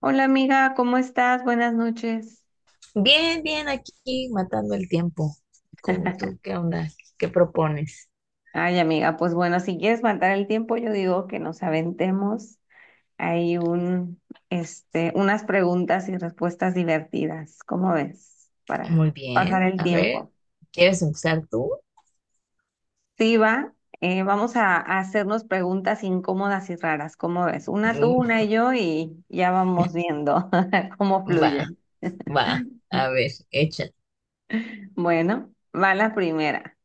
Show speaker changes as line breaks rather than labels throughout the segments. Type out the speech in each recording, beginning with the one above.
Hola amiga, ¿cómo estás? Buenas noches.
Bien, bien, aquí matando el tiempo. ¿Cómo tú qué onda? ¿Qué propones?
Ay amiga, pues bueno, si quieres matar el tiempo, yo digo que nos aventemos. Hay un, este, unas preguntas y respuestas divertidas. ¿Cómo ves? Para
Muy
pasar
bien,
el
a ver,
tiempo.
¿quieres empezar tú?
Sí, va. Vamos a hacernos preguntas incómodas y raras. ¿Cómo ves? Una tú,
Mm,
una yo y ya vamos viendo cómo
va,
fluye.
va, a ver, échale.
Bueno, va la primera.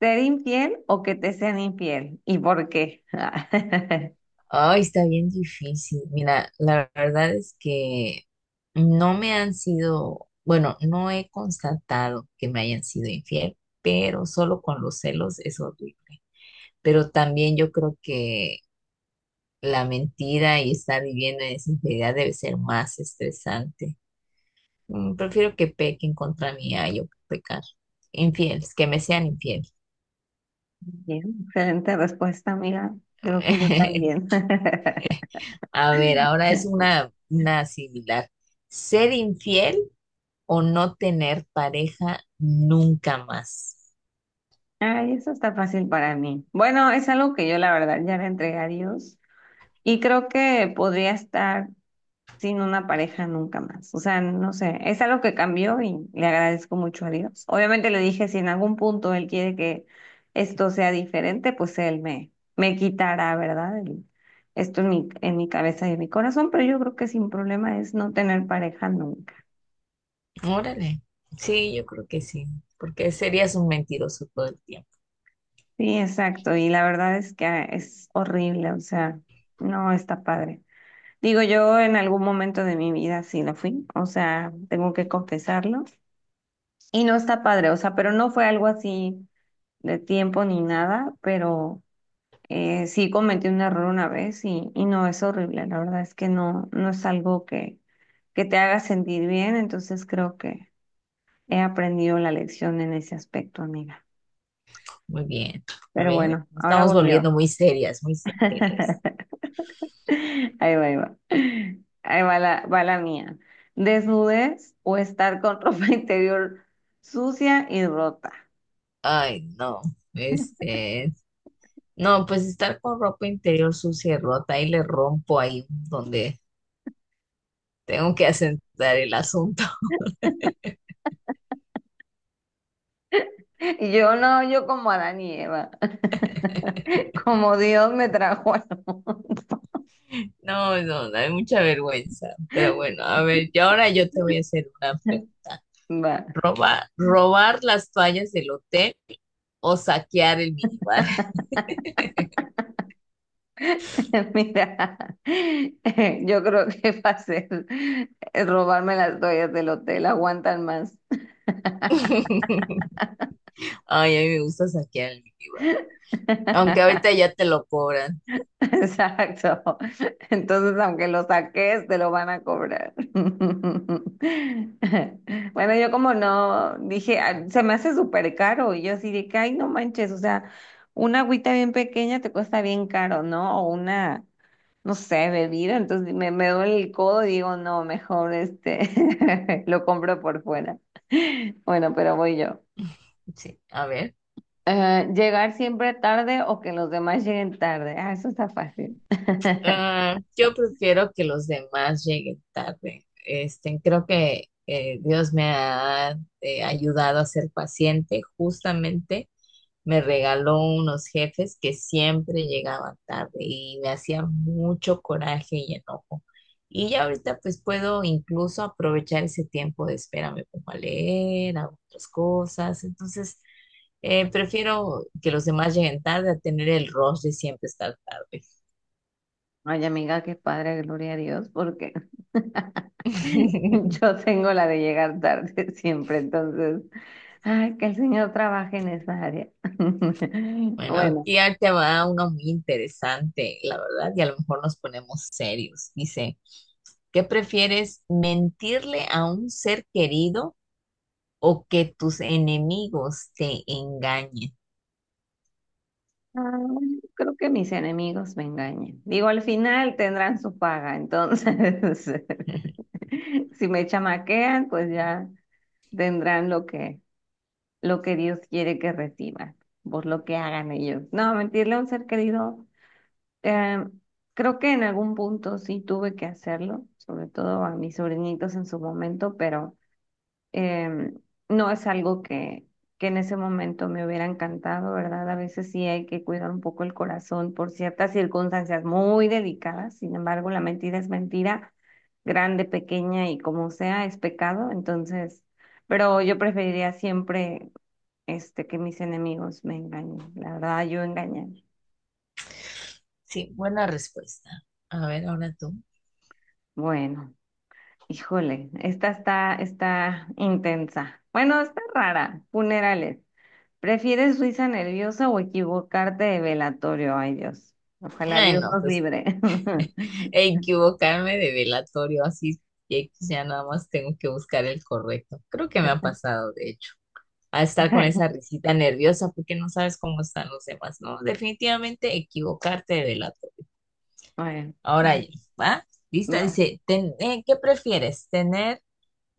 ¿Ser infiel o que te sean infiel? ¿Y por qué?
Ay, está bien difícil. Mira, la verdad es que no me han sido, bueno, no he constatado que me hayan sido infiel, pero solo con los celos es horrible. Pero también yo creo que la mentira y estar viviendo en esa infidelidad debe ser más estresante. Prefiero que pequen contra mí a yo pecar. Infieles, que me sean infieles.
Bien, excelente respuesta, amiga. Creo que yo también.
A ver, ahora es una similar. ¿Ser infiel o no tener pareja nunca más?
Ay, eso está fácil para mí. Bueno, es algo que yo la verdad ya le entregué a Dios y creo que podría estar sin una pareja nunca más. O sea, no sé, es algo que cambió y le agradezco mucho a Dios. Obviamente le dije, si en algún punto él quiere que esto sea diferente, pues me quitará, ¿verdad? El- esto en en mi cabeza y en mi corazón, pero yo creo que sin problema es no tener pareja nunca.
Órale. Sí, yo creo que sí, porque serías un mentiroso todo el tiempo.
Sí, exacto. Y la verdad es que es horrible, o sea, no está padre. Digo, yo en algún momento de mi vida sí lo fui, o sea, tengo que confesarlo. Y no está padre, o sea, pero no fue algo así de tiempo ni nada, pero sí cometí un error una vez y no es horrible. La verdad es que no, no es algo que te haga sentir bien, entonces creo que he aprendido la lección en ese aspecto, amiga.
Muy bien. A
Pero
ver,
bueno,
nos
ahora
estamos
voy yo.
volviendo muy serias, muy serias.
Ahí va. Ahí va la mía. Desnudez o estar con ropa interior sucia y rota.
Ay, no. Este, No, pues estar con ropa interior sucia y rota, y le rompo ahí donde tengo que asentar el asunto.
Y yo no, yo como Adán y Eva, como Dios me trajo al mundo.
No, no, no, hay mucha vergüenza. Pero bueno, a ver, y ahora yo te voy a hacer una pregunta.
Va,
¿Robar las toallas del hotel o saquear el minibar?
mira, yo creo que va a ser robarme las toallas del hotel, aguantan más.
Ay, a mí me gusta saquear el minibar. Aunque ahorita ya te lo cobran.
Exacto. Entonces, aunque lo saques, te lo van a cobrar. Bueno, yo como no dije, "Ah, se me hace súper caro. Y yo así de que, ay, no manches, o sea, una agüita bien pequeña te cuesta bien caro, ¿no? O una, no sé, bebida. Entonces me duele el codo y digo, no, mejor este, lo compro por fuera. Bueno, pero voy yo.
Sí, a ver.
Llegar siempre tarde o que los demás lleguen tarde. Ah, eso está fácil.
Ah, yo prefiero que los demás lleguen tarde. Este, creo que Dios me ha ayudado a ser paciente. Justamente me regaló unos jefes que siempre llegaban tarde y me hacían mucho coraje y enojo. Y ya ahorita pues puedo incluso aprovechar ese tiempo de espera, me pongo a leer, hago otras cosas. Entonces, prefiero que los demás lleguen tarde a tener el rush de siempre estar tarde.
Oye, amiga, qué padre, gloria a Dios, porque yo tengo la de llegar tarde siempre, entonces, ay, que el Señor trabaje en esa área.
Bueno,
Bueno,
aquí ya te va uno muy interesante, la verdad, y a lo mejor nos ponemos serios. Dice, ¿qué prefieres, mentirle a un ser querido o que tus enemigos te engañen?
bueno, creo que mis enemigos me engañen. Digo, al final tendrán su paga, entonces, si me chamaquean, pues ya tendrán lo lo que Dios quiere que reciban, por lo que hagan ellos. No, mentirle a un ser querido. Eh, Creo que en algún punto sí tuve que hacerlo, sobre todo a mis sobrinitos en su momento, pero em, no es algo que en ese momento me hubiera encantado, ¿verdad? A veces sí hay que cuidar un poco el corazón por ciertas circunstancias muy delicadas, sin embargo, la mentira es mentira, grande, pequeña y como sea, es pecado, entonces, pero yo preferiría siempre este, que mis enemigos me engañen, la verdad, yo engañar.
Sí, buena respuesta. A ver, ahora tú.
Bueno. Híjole, está intensa. Bueno, está rara. Funerales. ¿Prefieres risa nerviosa o equivocarte de velatorio? Ay, Dios. Ojalá
Ay,
Dios
no,
nos
pues
libre.
equivocarme de velatorio, así que ya nada más tengo que buscar el correcto. Creo que me ha pasado, de hecho, a estar con esa risita nerviosa porque no sabes cómo están los demás, ¿no? Definitivamente equivocarte de delator.
Bueno,
Ahora yo, ¿va? Lista,
va.
dice, ¿qué prefieres? ¿Tener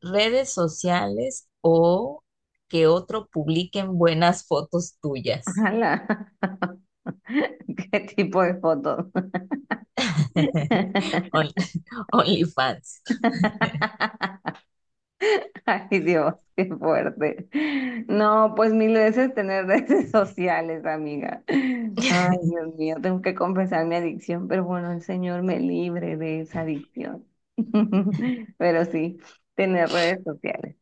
redes sociales o que otro publiquen buenas fotos tuyas?
Ala. ¿Qué tipo de fotos?
On- OnlyFans.
Ay, Dios, qué fuerte. No, pues mil veces tener redes sociales, amiga. Ay, Dios mío, tengo que confesar mi adicción, pero bueno, el Señor me libre de esa adicción. Pero sí, tener redes sociales,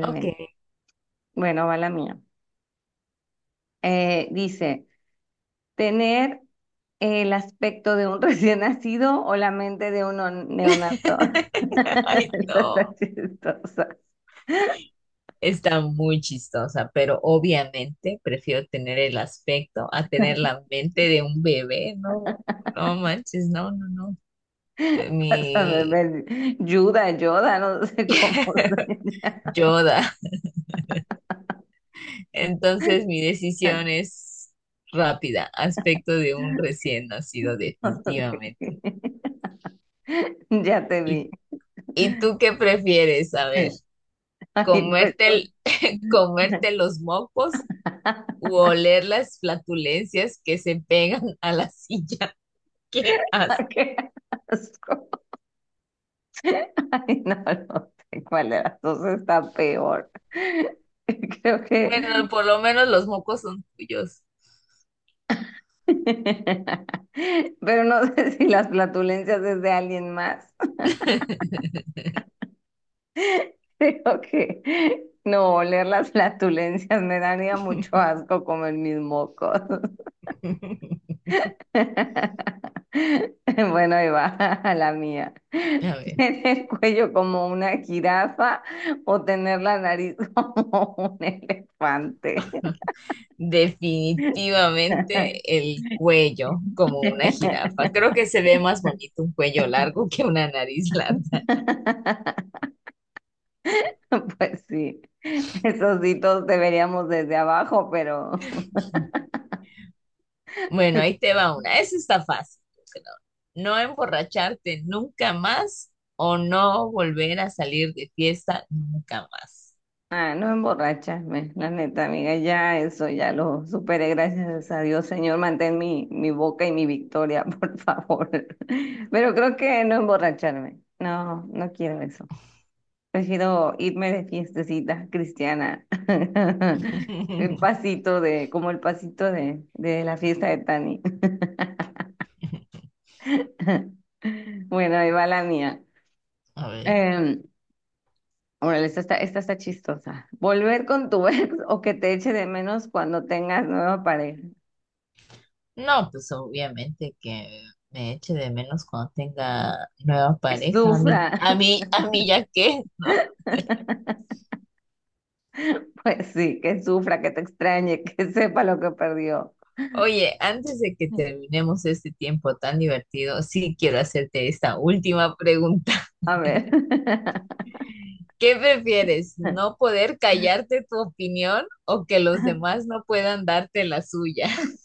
Ok.
Bueno, va la mía. Dice, tener el aspecto de un recién nacido o la mente de un no, neonato.
Ay,
Esta
no.
está chistosa.
Está muy chistosa, pero obviamente prefiero tener el aspecto a tener la mente de un bebé, no, no manches, no, no, no,
Son
mi
rebeldes. Yuda, Yoda, no sé cómo se llama.
Yoda. Entonces mi decisión es rápida, aspecto de un recién nacido
Ok.
definitivamente.
Ya te vi.
¿Y, y tú qué prefieres? A ver,
Ay, pues
comerte
yo.
el- comerte los mocos u oler las flatulencias que se pegan a la silla. ¿Qué
Qué asco. Ay, no, no sé cuál de las dos está peor. Creo que.
Bueno, por lo menos los mocos son tuyos.
Pero no sé si las flatulencias es de alguien más. Creo que. No, oler las flatulencias me daría mucho asco comer mis mocos. Bueno, ahí va la mía.
A ver,
¿Tener el cuello como una jirafa o tener la nariz como un elefante?
definitivamente el cuello, como una jirafa. Creo que se ve más bonito un cuello largo que una nariz larga.
Pues sí, esos sí todos deberíamos desde abajo, pero
Bueno, ahí te va una. Esa está fácil, yo creo. No emborracharte nunca más o no volver a salir de fiesta nunca más.
Ah, no emborracharme, la neta, amiga, ya eso, ya lo superé, gracias a Dios, Señor, mantén mi boca y mi victoria, por favor. Pero creo que no emborracharme, no, no quiero eso. Prefiero irme de fiestecita cristiana, el pasito como el pasito de la fiesta de Tani. Bueno, ahí va la mía.
A ver.
Em, Órale, esta está chistosa. Volver con tu ex o que te eche de menos cuando tengas nueva pareja.
No, pues obviamente que me eche de menos cuando tenga nueva
Que
pareja. A
sufra.
mí, a mí, a mí ya qué, ¿no?
Pues sí, que sufra, que te extrañe, que sepa lo que perdió.
Oye, antes de que terminemos este tiempo tan divertido, sí quiero hacerte esta última pregunta.
A ver.
¿Qué prefieres? ¿No poder callarte tu opinión o que los demás no puedan darte la suya?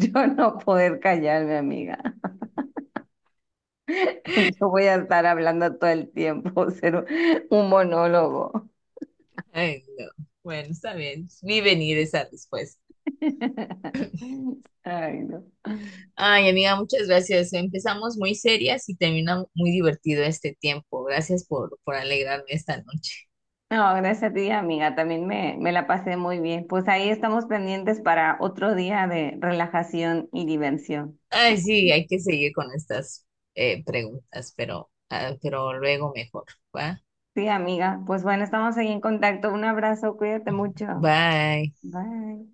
Yo no poder callarme, amiga. Yo voy a estar hablando todo el tiempo, ser un monólogo.
Ay, no. Bueno, está bien. Vi venir esa respuesta.
Ay, no.
Ay, amiga, muchas gracias. Empezamos muy serias y termina muy divertido este tiempo. Gracias por alegrarme esta noche.
No, gracias a ti, amiga. También me la pasé muy bien. Pues ahí estamos pendientes para otro día de relajación y diversión.
Ay, sí, hay que seguir con estas preguntas, pero, ah, pero luego mejor. ¿Va?
Sí, amiga. Pues bueno, estamos ahí en contacto. Un abrazo, cuídate mucho.
Bye.
Bye.